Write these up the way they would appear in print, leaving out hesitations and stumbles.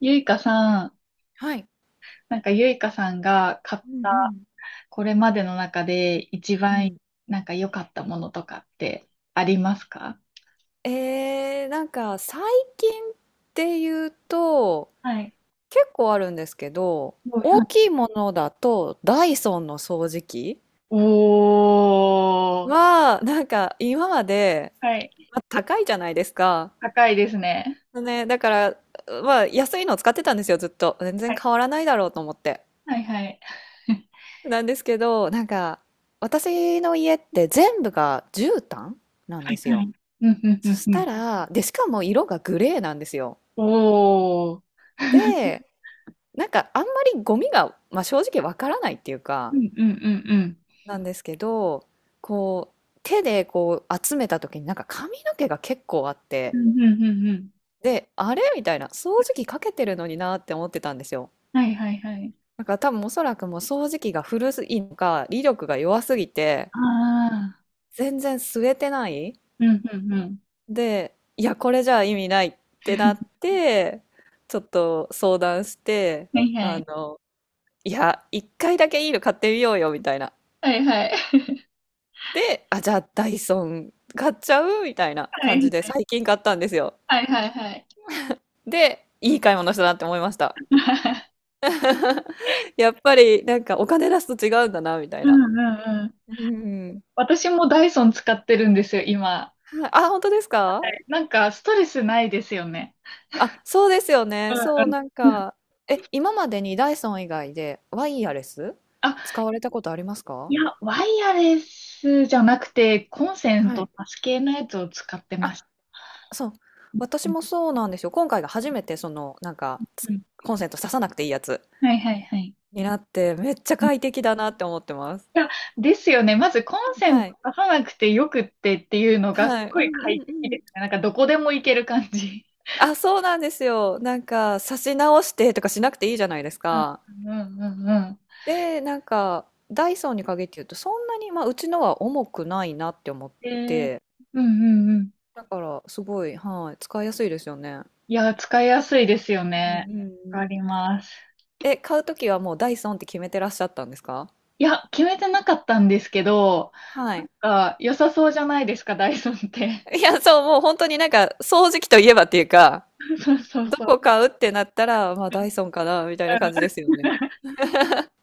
ゆいかさん、はい。なんかゆいかさんが買っうんうたん。これまでの中で一う番ん。なんか良かったものとかってありますか？なんか最近っていうとはい。結構あるんですけど、5、大きいものだとダイソンの掃除機おー、はなんか今まで、はい。まあ、高いじゃないですか。高いですね。ね、だからまあ安いのを使ってたんですよ、ずっと全は然い。変わらないだろうと思って。はいはい。なんですけどなんか私の家って全部が絨毯なんはでい。すはよ。い。うんうんうそんしうたん。らでしかも色がグレーなんですよ。おー。で、なんかあんまりゴミが、まあ、正直わからないっていううか、んうんうんうん。なんですけどこう手でこう集めた時になんか髪の毛が結構あっうて、んうんうんうん。であれみたいな、掃除機かけてるのになって思ってたんですよ。はいはいはい。だから多分おそらくもう掃除機が古いのか威力が弱すぎてああ。全然吸えてない。うんうんうん。でいやこれじゃ意味ないってなって、ちょっと相談して、はいはあい。のいや一回だけいいの買ってみようよみたいな。はいはい。で、あ、じゃあダイソン買っちゃうみたいなは感い。じで最近買ったんですよ。はいはいはい。で、いい買い物したなって思いました。やっぱりなんかお金出すと違うんだな、みたいうんな。うんうん。うん。私もダイソン使ってるんですよ、今。はい、あ、本当ですか？なんかストレスないですよね。あ、そうですようね。そう、んうん。なんか、え、今までにダイソン以外でワイヤレスあ、使われたことありますいか？や、ワイヤレスじゃなくて、コンセンはトい。挿し系のやつを使ってまあ、した。そう。う私んもそうなんですよ。今回が初めて、その、なんか、うん。コンセント挿さなくていいやつはいはいはい。になって、めっちゃうん。快適だなって思ってます。いや、ですよね。まずコンセンはトい。挿さなくてよくってっていうのがすはい。ごうんいう快ん適うでん。すね。なんかどこでも行ける感じ。あ、そうなんですよ。なんか、差し直してとかしなくていいじゃないですうか。んうんうんうで、なんか、ダイソンに限って言うと、そんなに、まあ、うちのは重くないなって思っん。えー、て、うんうんうん。だから、すごい、はい、使いやすいですよね。いや、使いやすいですようんうね。んうわん。かります。え、買うときはもうダイソンって決めてらっしゃったんですか？いや、決めてなかったんですけど、はなんい。か良さそうじゃないですか、ダイソンって。いや、そう、もう本当になんか、掃除機といえばっていうか、そうそうどそう。こ買うってなったら、まあ、ダイソンかな、みたいな感じですよね。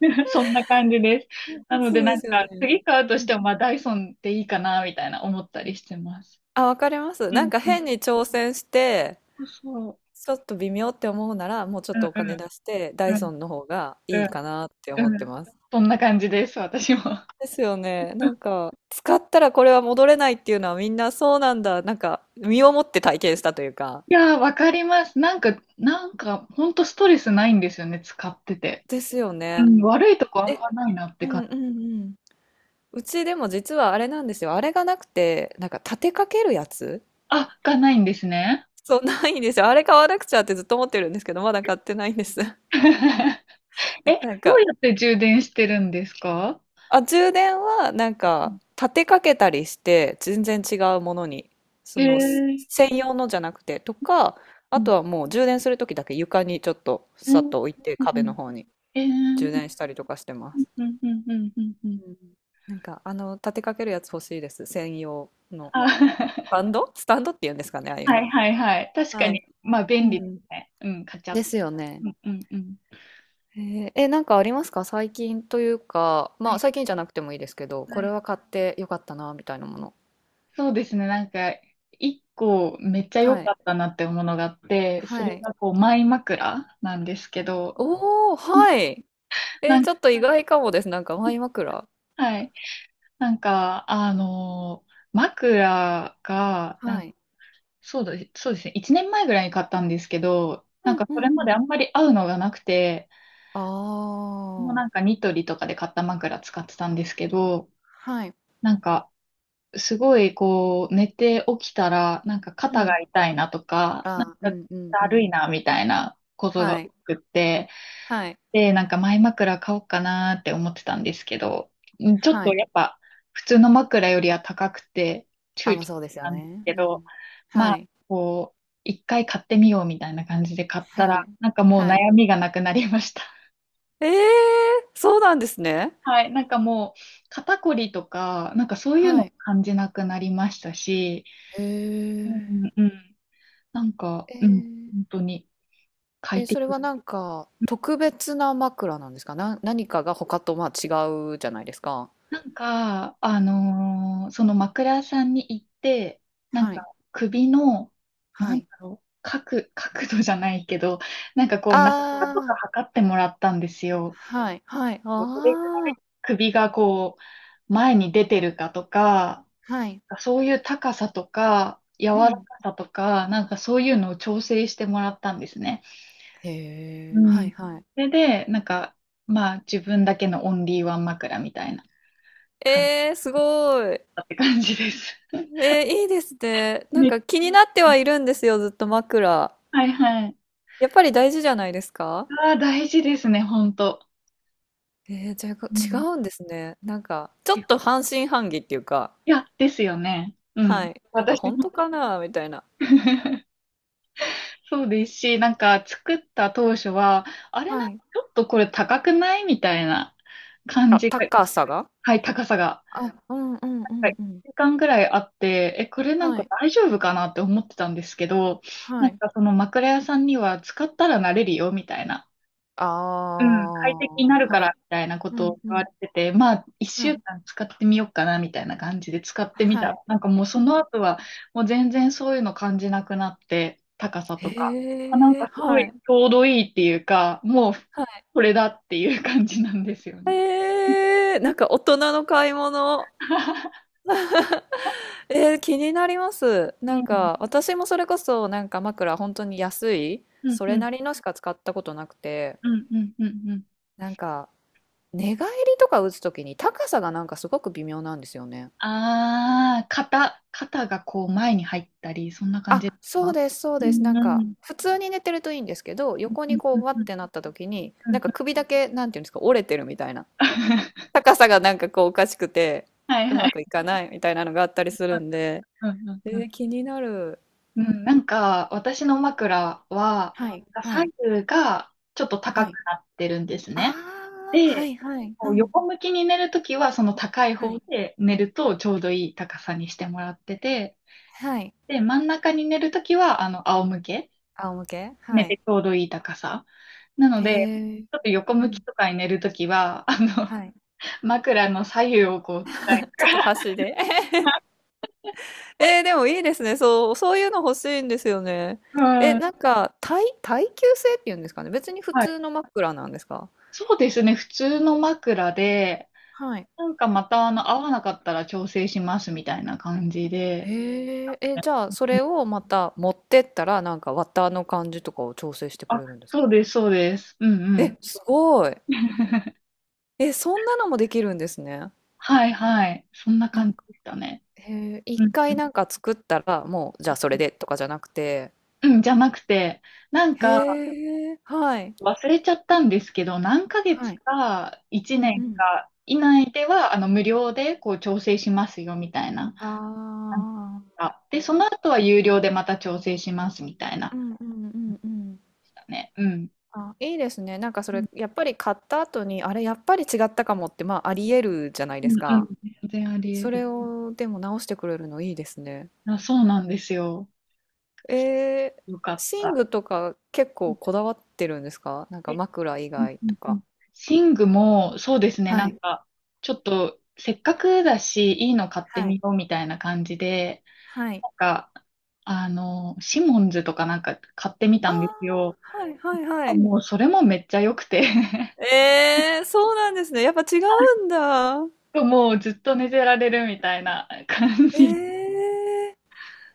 うん、 そんな感じです。うんなのでそうなでんすよね。か、次買うとうしん、ても、まあダイソンでいいかな、みたいな思ったりしてます。あ、わかります。うなんんかうん。変に挑戦して、そうそちょっと微妙って思うなら、もうちょう。っとおうんう金ん出して、ダイうんソンの方がいいかうなって思っんうてん。ます。そんな感じです、私も。ですよね。なんか、使ったらこれは戻れないっていうのはみんなそうなんだ。なんか、身をもって体験したというか。いやー、わかります。なんか、ほんとストレスないんですよね、使ってて。ですようね。ん、悪いとこあんえ、まないなってう感んうじ。んうん。うちでも実はあれなんですよ。あれがなくて、なんか立てかけるやつ。あ、がないんですね。そう、ないんですよ。あれ買わなくちゃってずっと思ってるんですけど、まだ買ってないんです。え、なんどうか、やって充電してるんですか？あ、充電はなんうかん。立てかけたりして全然違うものに、へそのすえ。専用のじゃなくてとか、うあん。とはもう充電する時だけ床にちょっとうさっん。と置いてう壁のん。方にえ、う充ん電したりとかしてまうん。す。うん。うん。うん。うん。うん、なんかあの立てかけるやつ欲しいです。専用のスあ、タ ンドスタンドって言うんですかね、ああいうはの。いはいはい。確かはい。に、まあう便利ですん。ね。うん、カチャッ。ですよね。うんうんうん。へえ、え、なんかありますか最近、というか、はまあい最近じゃなくてもいいですけど、はこれい。は買ってよかったなみたいなもの。そうですね。一個めっちゃ良はかい。ったなってものがあって、そはれい。がこう、マイ枕なんですけど、おお、はい。なん、ちょっと意外かもです。なんかマイ枕。はい。なんか、あのク枕が、はい。そうだ、そうですね。1年前ぐらいに買ったんですけど、うなんんかうそれんうまであん。んまり合うのがなくて、あもうなんあ。かニトリとかで買った枕使ってたんですけど、はい。なんかすごいこう寝て起きたら、なんかう肩がん。痛いなとか、なんああ、うかんうんだうるいん。なみたいなことがは多い。くって、はい。で、なんか前枕買おうかなーって思ってたんですけど、うん、ちょっはとい。やっぱ普通の枕よりは高くて躊あ、躇ま、しそうですよたんですね。けうど、ん。まはあ、い。こう、一回買ってみようみたいな感じで買ったはら、い。なんかもうはい。悩みがなくなりました。ええ、そうなんですね。はい、なんかもう肩こりとか、なんかそういうはのい。感じなくなりましたし、へうんうんえ。うん、なんか、うん、え本当にえ、快え、それ適。はなんか、特別な枕なんですか？な、何かが他と、まあ、違うじゃないですか。なんか、うん。その枕屋さんに行って、なんはかい。首の、なはんだい。ろう、角度じゃないけど、なんかこう、あ長さとかあ。測ってもらったんですよ。はい、はい、こうどれぐらああ、い首がこう、前に出てるかとか、はい、そういう高さとか、柔うらかん。さとか、なんかそういうのを調整してもらったんですね。へうえ、はん。い、そはい。れで、なんか、まあ、自分だけのオンリーワン枕みたいな感じすごい。だったって感じです。いいですね。なんか気になってはいるんですよ、ずっと枕。はいはい。やっぱり大事じゃないですか？ああ、大事ですね、本当。じゃあう違ん。うんですね。なんか、ちょっいと半信半疑っていうか、や、ですよね。うはん。い。なんか私本も。 当かなみたいな。そうですし、なんか作った当初は、あれな、はい。ちょっとこれ高くないみたいな感あ、じが、高さが。はい、高さが。あ、うんうんうはんい、うん。1時間ぐらいあって、え、これなんはかい。大丈夫かなって思ってたんですけど、なはんい。かその枕屋さんには使ったら慣れるよみたいな、あうん、快適にあ、なるかはらい。みたいなこうとんをう言わん。れてて、まあ、一は週い。間使ってみようかなみたいな感じで使ってみたはい。ら。なんかもうその後は、もう全然そういうの感じなくなって、高さとか。あ、なんへえ、かすごはいちい、ょうどいいっていうか、もうはい。これだっていう感じなんですよね。ええ、なんか大人の買い物。気になります。うなんん、か私もそれこそなんか枕本当に安い、うん、そうれん、なりのしか使ったことなくて、うん、うん、うん。うん。なんか寝返りとか打つときに高さがなんかすごく微妙なんですよね。ああ、肩がこう前に入ったり、そんな感じであ、すそうか？です、そううです。なん、んうん、うかん、普通に寝てるといいんですけど、横うん、にこううん。わうっん。 てなったときに、なんか首だけなんていうんですか、折れてるみたいな。高さがなんかこうおかしくて、はいうはまい。くいかないみたいなのがあったりするんで。うんうんうん。気になる。うん、なんか、私の枕は、はい、は左い、右がちょっとは高くい。なってるんですあね。あ、はで、いはい、こううん、横向きに寝るときは、その高いは方い、で寝るとちょうどいい高さにしてもらってて、はい。で、真ん中に寝るときは、あの、仰向け、仰向け寝はい。てちょうどいい高さ。なので、へえ、ちょっと横う向きん、とかに寝るときは、あの、はい。枕の左右をこう使い、ちょっと箸で。でもいいですね。そう、そういうの欲しいんですよね。うえ、ん、なんか、耐、耐久性っていうんですかね。別に普はい。通の枕なんですか？そうですね、普通の枕で、はい。なんかまたあの、合わなかったら調整しますみたいな感じで。へえ、え、じゃあ、そうん。れをまた持ってったら、なんか綿の感じとかを調整してくあ、れるんですか？そうです、そうです。うんうえ、ん。すごい。え、そんなのもできるんですね。はいはい。そんな感じでしたね。へえ、一うんう回んなんか作ったら、もう、じゃあそれでとかじゃなくて、うん、じゃなくて、なんかへえ、はい、忘れちゃったんですけど、何ヶ月はい。かう1んう年ん。か以内では、あの、無料でこう調整しますよ、みたいなあ感じあ。が。で、その後は有料でまた調整します、みたいうな感んうんうじんうん。でしたね。うん。あ、いいですね。なんかそうんれ、やっぱり買った後に、あれ、やっぱり違ったかもって、まあ、あり得るじゃないうでんすうん。か。全然ありそ得れる。を、でも直してくれるのいいですね。あ、そうなんですよ。えよかっ寝た。具とか結構こだわってるんですか、なんかえ、枕以うん外うとんうん、か。寝具も、そうですね、はなんい。か、ちょっと、せっかくだし、いいの買ってはみい。ようみたいな感じで、はい。なんか、あの、シモンズとかなんか買ってみたああ、んですよ。はいはいはい。もう、それもめっちゃ良くて。 ええ、そうなんですね。やっぱ違うんだ。もうずっと寝てられるみたいな感じ。ええ。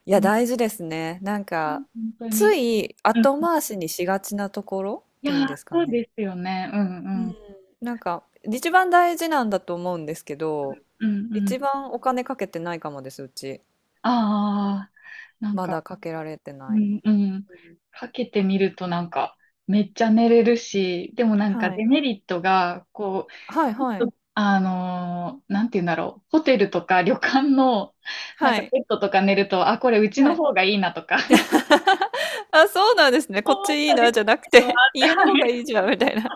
いうや、ん、大事ですね。なんか、本当つに。いう後ん、回しにしがちなところっいてやいうんー、ですかそうね。ですよね。ううんうん。ん。なんか、一番大事なんだと思うんですけど、うんう一ん。番お金かけてないかもです、うち。ああ、なんまか、だかけられてなうい。んうん。うん。かけてみるとなんか、めっちゃ寝れるし、でもなんかはデい。メリットが、こはいう、ちはょい。っとなんて言うんだろう、ホテルとか旅館の、なんはかい。ベッドとか寝ると、あ、これうちはのい。方がいいなとか、あ、そうなんですね。思こっちっいたいりなすじゃなくる時もて、あって、は家の方がい。いいじゃんみたいな。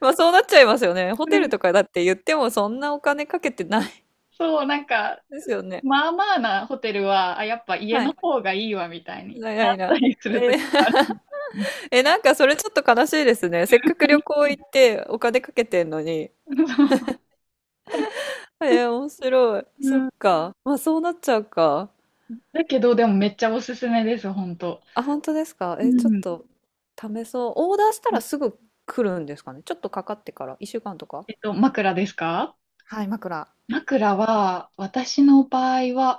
まあそうなっちゃいますよね。ホうテルん。とかだって言ってもそんなお金かけてないそう、なんか、ですよね。まあまあなホテルは、あ、やっぱ家はのい。方がいいわ、みたいにないなないったな。りするえ時ー もある。え、なんかそれちょっと悲しいですね。せっかく旅行行ってお金かけてんのに。そう。面白い。うそっん。か。まあそうなっちゃうか。だけど、でもめっちゃおすすめです、本当。あ、本当ですか。ちょっうん。と試そう。オーダーしたらすぐ来るんですかね。ちょっとかかってから。1週間とか。えっと、枕ですか？はい、枕。枕は、私の場合は、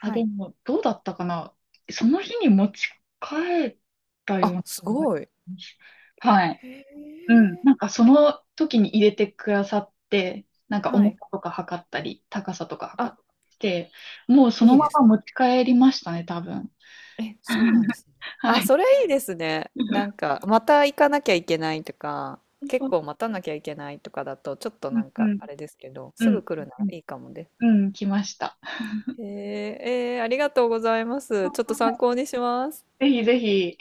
あ、でい。も、どうだったかな、その日に持ち帰ったようあ、なす気がしごい。ます。はい。へうん。え。なんか、その時に入れてくださって、なんか、は重い。さとか測ったり、高さとか測あ、って、もうそいのいまでます持ね。ち帰りましたね、多分。え、そうなんで すね。あ、はい。それいいですね。なん か、また行かなきゃいけないとか、そ結う。構待たなきゃいけないとかだと、ちょっとうなん、んうか、ん、あれですけど、うすぐん、来るなうらん、いいかもです。うん、来ました。えー、えーありがとうございます。ちょっとは参考にします。い、ぜひぜひ。